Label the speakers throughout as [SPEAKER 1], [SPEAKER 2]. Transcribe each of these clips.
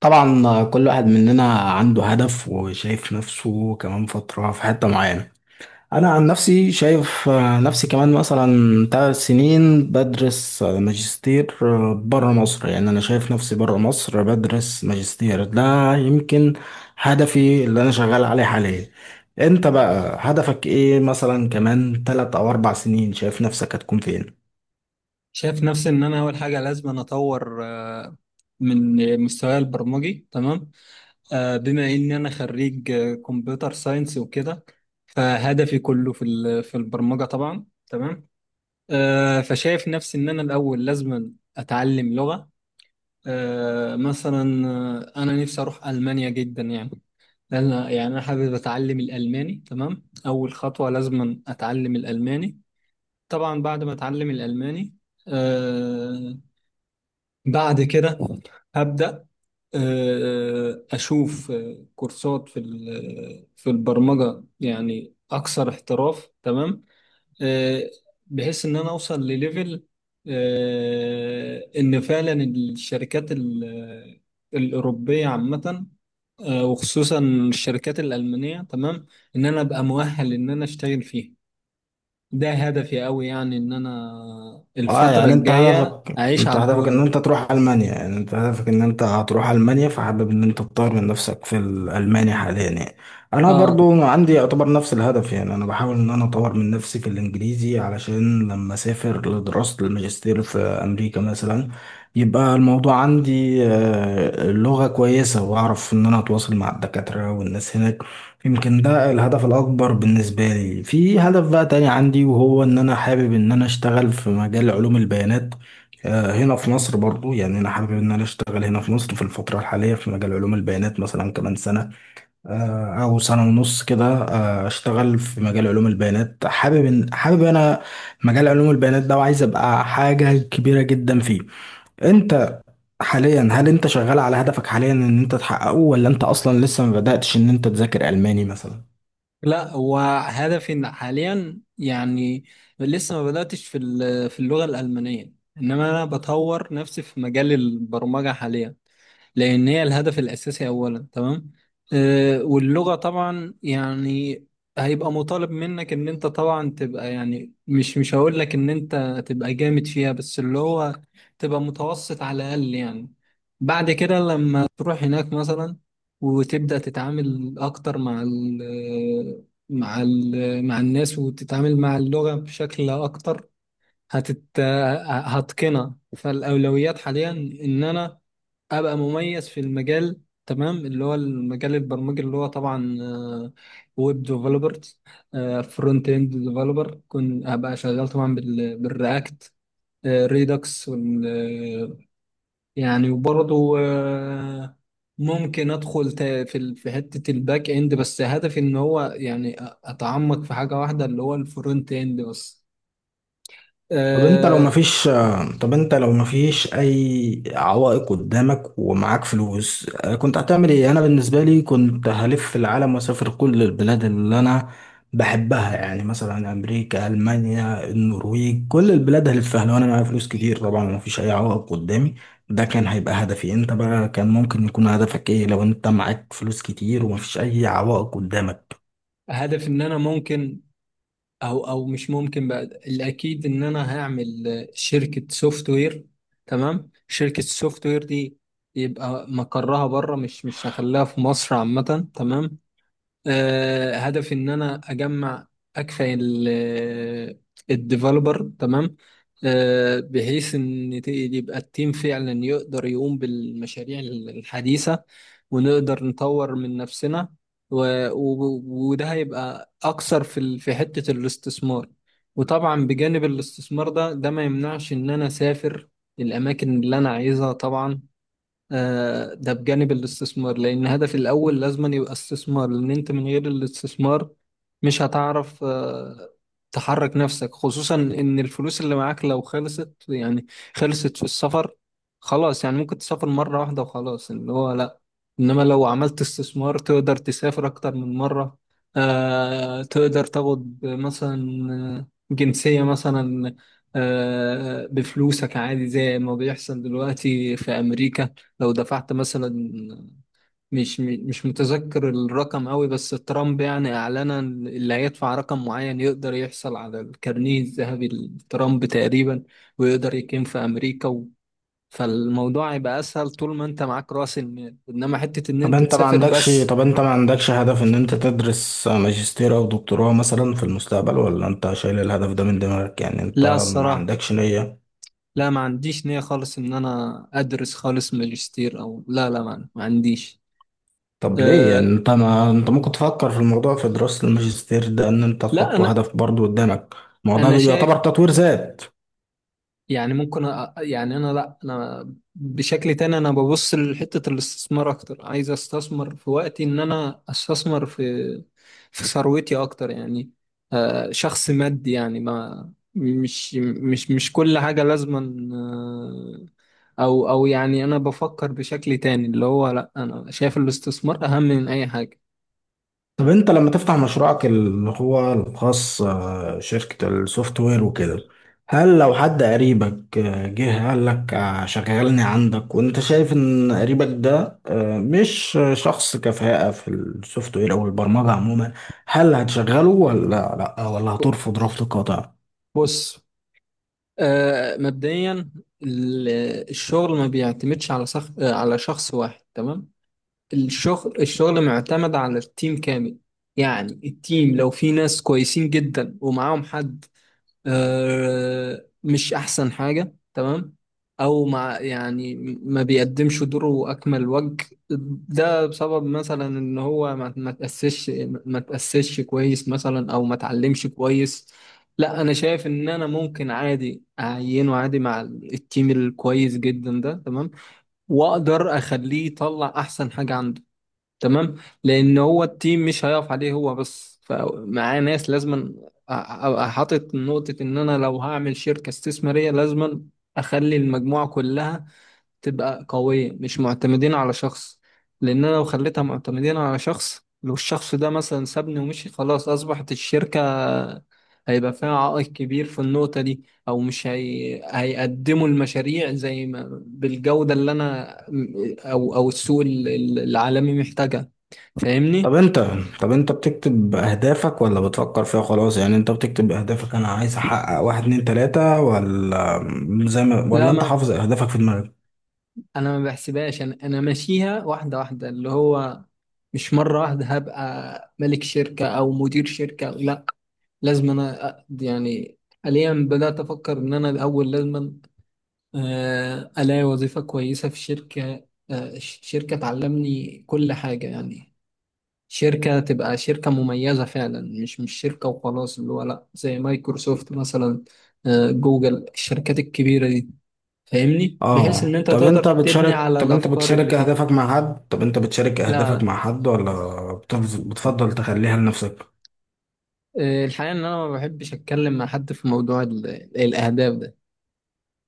[SPEAKER 1] طبعا كل واحد مننا عنده هدف وشايف نفسه كمان فترة في حتة معينة. أنا عن نفسي شايف نفسي كمان مثلا 3 سنين بدرس ماجستير بره مصر. يعني أنا شايف نفسي بره مصر بدرس ماجستير، ده يمكن هدفي اللي أنا شغال عليه حاليا. أنت بقى هدفك إيه؟ مثلا كمان 3 أو 4 سنين شايف نفسك هتكون فين؟
[SPEAKER 2] شايف نفسي ان انا اول حاجه لازم أنا اطور من مستواي البرمجي. تمام. بما ان انا خريج كمبيوتر ساينس وكده. فهدفي كله في البرمجه طبعا. تمام. فشايف نفسي ان انا الاول لازم اتعلم لغه مثلا. انا نفسي اروح المانيا جدا يعني. لأن- يعني انا حابب اتعلم الالماني. تمام. اول خطوه لازم اتعلم الالماني طبعا. بعد ما اتعلم الالماني آه، بعد كده هبدأ أشوف كورسات في البرمجة، يعني أكثر احتراف. تمام. آه، بحيث إن أنا أوصل لليفل، إن فعلا الشركات الأوروبية عامة، وخصوصا الشركات الألمانية. تمام. إن أنا أبقى مؤهل إن أنا أشتغل فيها. ده هدفي أوي، يعني إن أنا
[SPEAKER 1] اه،
[SPEAKER 2] الفترة
[SPEAKER 1] يعني انت
[SPEAKER 2] الجاية
[SPEAKER 1] هدفك
[SPEAKER 2] أعيش
[SPEAKER 1] انت
[SPEAKER 2] على
[SPEAKER 1] هدفك
[SPEAKER 2] الدور
[SPEAKER 1] ان
[SPEAKER 2] ده.
[SPEAKER 1] انت تروح المانيا، يعني انت هدفك ان انت هتروح المانيا، فحابب ان انت تطور من نفسك في الالماني حاليا يعني. انا
[SPEAKER 2] اه.
[SPEAKER 1] برضو عندي يعتبر نفس الهدف، يعني انا بحاول ان انا اطور من نفسي في الانجليزي علشان لما اسافر لدراسة الماجستير في امريكا مثلا، يبقى الموضوع عندي اللغة كويسة واعرف ان انا اتواصل مع الدكاترة والناس هناك. يمكن ده الهدف الأكبر بالنسبة لي. في هدف بقى تاني عندي، وهو إن أنا حابب إن أنا أشتغل في مجال علوم البيانات هنا في مصر برضو. يعني أنا حابب إن أنا أشتغل هنا في مصر في الفترة الحالية في مجال علوم البيانات، مثلا كمان سنة أو سنة ونص كده أشتغل في مجال علوم البيانات. حابب إن حابب أنا مجال علوم البيانات ده، وعايز أبقى حاجة كبيرة جدا فيه. أنت حاليا هل أنت شغال على هدفك حاليا إن أنت تحققه، ولا أنت أصلا لسه ما بدأتش إن أنت تذاكر ألماني مثلا؟
[SPEAKER 2] لا، هو هدفي إن حاليا يعني لسه ما بدأتش في اللغة الألمانية. إنما أنا بطور نفسي في مجال البرمجة حاليا، لأن هي الهدف الأساسي أولا. تمام. واللغة طبعا يعني هيبقى مطالب منك إن أنت طبعا تبقى، يعني مش هقول لك إن أنت تبقى جامد فيها، بس اللي هو تبقى متوسط على الأقل يعني. بعد كده لما تروح هناك مثلا وتبدأ تتعامل أكتر مع الناس، وتتعامل مع اللغة بشكل أكتر هتت هتقنها. فالأولويات حاليا إن أنا ابقى مميز في المجال، تمام، اللي هو المجال البرمجي، اللي هو طبعا ويب ديفلوبر، فرونت اند ديفلوبر. كنت ابقى شغال طبعا بالرياكت، ريدكس يعني. وبرضه ممكن ادخل في حته الباك اند، بس هدفي ان هو يعني اتعمق في حاجه واحده اللي هو الفرونت اند بس.
[SPEAKER 1] طب انت لو
[SPEAKER 2] آه،
[SPEAKER 1] مفيش طب انت لو مفيش اي عوائق قدامك ومعاك فلوس كنت هتعمل ايه؟ انا بالنسبه لي كنت هلف العالم واسافر كل البلاد اللي انا بحبها، يعني مثلا امريكا، المانيا، النرويج، كل البلاد هلفها لو انا معايا فلوس كتير طبعا ومفيش اي عوائق قدامي. ده كان هيبقى هدفي. انت بقى كان ممكن يكون هدفك ايه لو انت معاك فلوس كتير ومفيش اي عوائق قدامك؟
[SPEAKER 2] هدف ان انا ممكن، او مش ممكن بقى، الاكيد ان انا هعمل شركه سوفت وير. تمام. شركه السوفت وير دي يبقى مقرها بره، مش هخليها في مصر عامه. تمام. هدفي ان انا اجمع اكفى الديفلوبر. تمام. بحيث ان يبقى التيم فعلا يقدر يقوم بالمشاريع الحديثة، ونقدر نطور من نفسنا و... و... وده هيبقى اكثر في حتة الاستثمار. وطبعا بجانب الاستثمار ده، ده ما يمنعش ان انا اسافر الاماكن اللي انا عايزها طبعا. ده بجانب الاستثمار، لأن الهدف الأول لازم يبقى استثمار. لأن أنت من غير الاستثمار مش هتعرف تحرك نفسك، خصوصا إن الفلوس اللي معاك لو خلصت، يعني خلصت في السفر، خلاص يعني ممكن تسافر مرة واحدة وخلاص، اللي هو لأ. إنما لو عملت استثمار تقدر تسافر أكتر من مرة. تقدر تاخد مثلا جنسية مثلا، بفلوسك عادي، زي ما بيحصل دلوقتي في أمريكا. لو دفعت مثلا، مش متذكر الرقم قوي، بس ترامب يعني اعلنا إن اللي هيدفع رقم معين يقدر يحصل على الكارنيه الذهبي لترامب تقريبا، ويقدر يقيم في امريكا فالموضوع هيبقى اسهل طول ما انت معاك راس المال، انما حتة ان
[SPEAKER 1] طب
[SPEAKER 2] انت
[SPEAKER 1] انت ما
[SPEAKER 2] تسافر
[SPEAKER 1] عندكش
[SPEAKER 2] بس.
[SPEAKER 1] طب انت ما عندكش هدف ان انت تدرس ماجستير او دكتوراه مثلا في المستقبل، ولا انت شايل الهدف ده من دماغك؟ يعني انت
[SPEAKER 2] لا،
[SPEAKER 1] ما
[SPEAKER 2] الصراحة،
[SPEAKER 1] عندكش نية؟
[SPEAKER 2] لا، ما عنديش نية خالص ان انا ادرس خالص ماجستير، او لا، لا، ما عنديش.
[SPEAKER 1] طب ليه؟
[SPEAKER 2] أه.
[SPEAKER 1] يعني انت ما انت ممكن تفكر في الموضوع، في دراسة الماجستير ده، ان انت
[SPEAKER 2] لا،
[SPEAKER 1] تحطه
[SPEAKER 2] انا
[SPEAKER 1] هدف برضو قدامك. ما هو
[SPEAKER 2] انا
[SPEAKER 1] ده يعتبر
[SPEAKER 2] شايف،
[SPEAKER 1] تطوير ذات.
[SPEAKER 2] يعني ممكن يعني انا، لا، انا بشكل تاني، انا ببص لحتة الاستثمار اكتر، عايز استثمر في وقتي، ان انا استثمر في في ثروتي اكتر يعني. شخص مادي يعني، ما مش كل حاجة لازما. او يعني انا بفكر بشكل تاني، اللي هو لا، انا شايف الاستثمار اهم من اي حاجة.
[SPEAKER 1] طب انت لما تفتح مشروعك اللي هو الخاص شركة السوفت وير وكده، هل لو حد قريبك جه قال لك شغلني عندك، وانت شايف ان قريبك ده مش شخص كفاءة في السوفت وير او البرمجة عموما، هل هتشغله ولا لا، ولا هترفض رفض قاطع؟
[SPEAKER 2] بص. مبدئيا ال- الشغل ما بيعتمدش على شخص واحد. تمام. الشغل الشغل معتمد على التيم كامل. يعني التيم لو في ناس كويسين جدا ومعاهم حد مش أحسن حاجة، تمام، أو مع يعني ما بيقدمش دوره أكمل وجه. ده بسبب مثلا إن هو ما تأسسش، ما تأسسش كويس مثلا، أو ما اتعلمش كويس. لا، أنا شايف إن أنا ممكن عادي أعينه عادي مع التيم الكويس جدا ده، تمام، وأقدر أخليه يطلع أحسن حاجة عنده. تمام. لان هو التيم مش هيقف عليه هو بس، فمعاه ناس لازم ابقى حاطط نقطة ان انا لو هعمل شركة استثمارية لازم اخلي المجموعة كلها تبقى قوية، مش معتمدين على شخص. لان انا لو خليتها معتمدين على شخص، لو الشخص ده مثلا سابني ومشي، خلاص اصبحت الشركة هيبقى فيها عائق كبير في النقطة دي، او مش هيقدموا المشاريع زي ما بالجودة اللي انا او السوق العالمي محتاجها.
[SPEAKER 1] طب
[SPEAKER 2] فاهمني؟
[SPEAKER 1] انت طب انت بتكتب اهدافك ولا بتفكر فيها خلاص؟ يعني انت بتكتب اهدافك انا عايز احقق واحد اتنين تلاتة، ولا زي ما ولا
[SPEAKER 2] لا،
[SPEAKER 1] انت
[SPEAKER 2] ما
[SPEAKER 1] حافظ اهدافك في دماغك؟
[SPEAKER 2] انا ما بحسبهاش، انا ماشيها واحده واحده اللي هو مش مره واحده هبقى ملك شركه او مدير شركه، لا. لازم انا يعني حاليا بدات افكر ان انا الاول لازم الاقي وظيفه كويسه في شركه، شركه تعلمني كل حاجه، يعني شركه تبقى شركه مميزه فعلا، مش شركه وخلاص اللي هو لا، زي مايكروسوفت مثلا، جوجل، الشركات الكبيره دي. فاهمني؟ بحيث ان
[SPEAKER 1] اه.
[SPEAKER 2] انت
[SPEAKER 1] طب
[SPEAKER 2] تقدر
[SPEAKER 1] انت
[SPEAKER 2] تبني
[SPEAKER 1] بتشارك
[SPEAKER 2] على
[SPEAKER 1] طب انت
[SPEAKER 2] الافكار اللي
[SPEAKER 1] بتشارك
[SPEAKER 2] فيه.
[SPEAKER 1] اهدافك مع حد طب انت بتشارك
[SPEAKER 2] لا،
[SPEAKER 1] اهدافك
[SPEAKER 2] لا.
[SPEAKER 1] مع حد، ولا بتفضل تخليها لنفسك؟
[SPEAKER 2] الحقيقه ان انا ما بحبش اتكلم مع حد في موضوع الاهداف ده،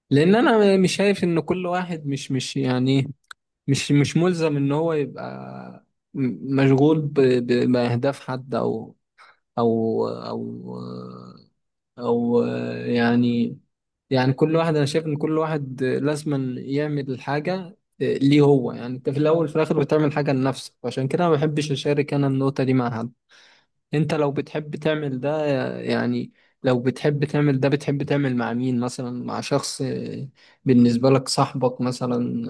[SPEAKER 2] لان انا مش شايف ان كل واحد مش يعني إيه، مش ملزم ان هو يبقى مشغول باهداف حد، او او او يعني كل واحد، انا شايف ان كل واحد لازم يعمل حاجه ليه هو. يعني انت في الاول في الاخر بتعمل حاجه لنفسك، عشان كده ما بحبش اشارك انا النقطه دي مع حد. انت لو بتحب تعمل ده يعني لو بتحب تعمل ده، بتحب تعمل مع مين مثلا؟ مع شخص بالنسبه لك، صاحبك مثلا؟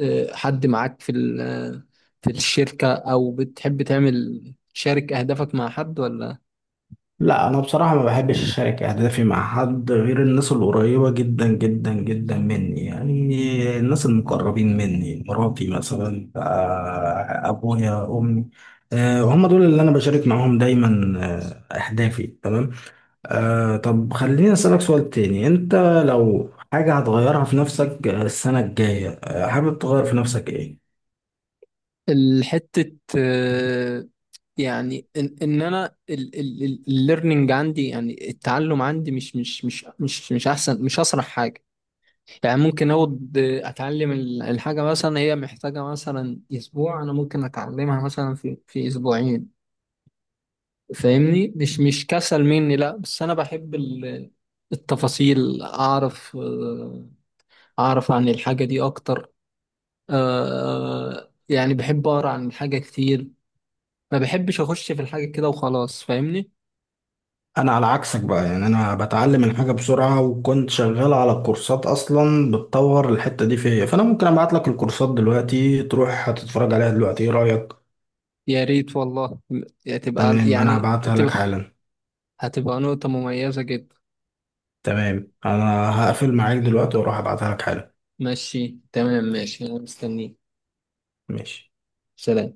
[SPEAKER 2] حد معاك في الشركه، او بتحب تعمل، شارك اهدافك مع حد، ولا؟
[SPEAKER 1] لا، انا بصراحة ما بحبش اشارك اهدافي مع حد غير الناس القريبة جدا جدا جدا مني، يعني الناس المقربين مني، مراتي مثلا ابويا، امي هم دول اللي انا بشارك معاهم دايما اهدافي. تمام. آه، طب خليني أسألك سؤال تاني. أنت لو حاجة هتغيرها في نفسك السنة الجاية حابب تغير في نفسك إيه؟
[SPEAKER 2] الحتة يعني ان انا الليرنينج عندي، يعني التعلم عندي مش احسن، مش اسرع حاجه. يعني ممكن اقعد اتعلم الحاجه، مثلا هي محتاجه مثلا اسبوع، انا ممكن اتعلمها مثلا في اسبوعين. فاهمني، مش كسل مني، لا، بس انا بحب التفاصيل، اعرف اعرف عن الحاجه دي اكتر. يعني بحب اقرا عن الحاجه كتير، ما بحبش اخش في الحاجه كده وخلاص. فاهمني؟
[SPEAKER 1] أنا على عكسك بقى، يعني أنا بتعلم الحاجة بسرعة، وكنت شغال على كورسات أصلا بتطور الحتة دي فيا، فأنا ممكن أبعت لك الكورسات دلوقتي تروح هتتفرج عليها دلوقتي، إيه رأيك؟
[SPEAKER 2] يا ريت والله. هتبقى
[SPEAKER 1] تمام، أنا
[SPEAKER 2] يعني
[SPEAKER 1] هبعتها لك
[SPEAKER 2] هتبقى
[SPEAKER 1] حالا.
[SPEAKER 2] هتبقى نقطه مميزه جدا.
[SPEAKER 1] تمام، أنا هقفل معاك دلوقتي وأروح أبعتها لك حالا.
[SPEAKER 2] ماشي، تمام، ماشي، انا مستنيك.
[SPEAKER 1] ماشي.
[SPEAKER 2] سلام.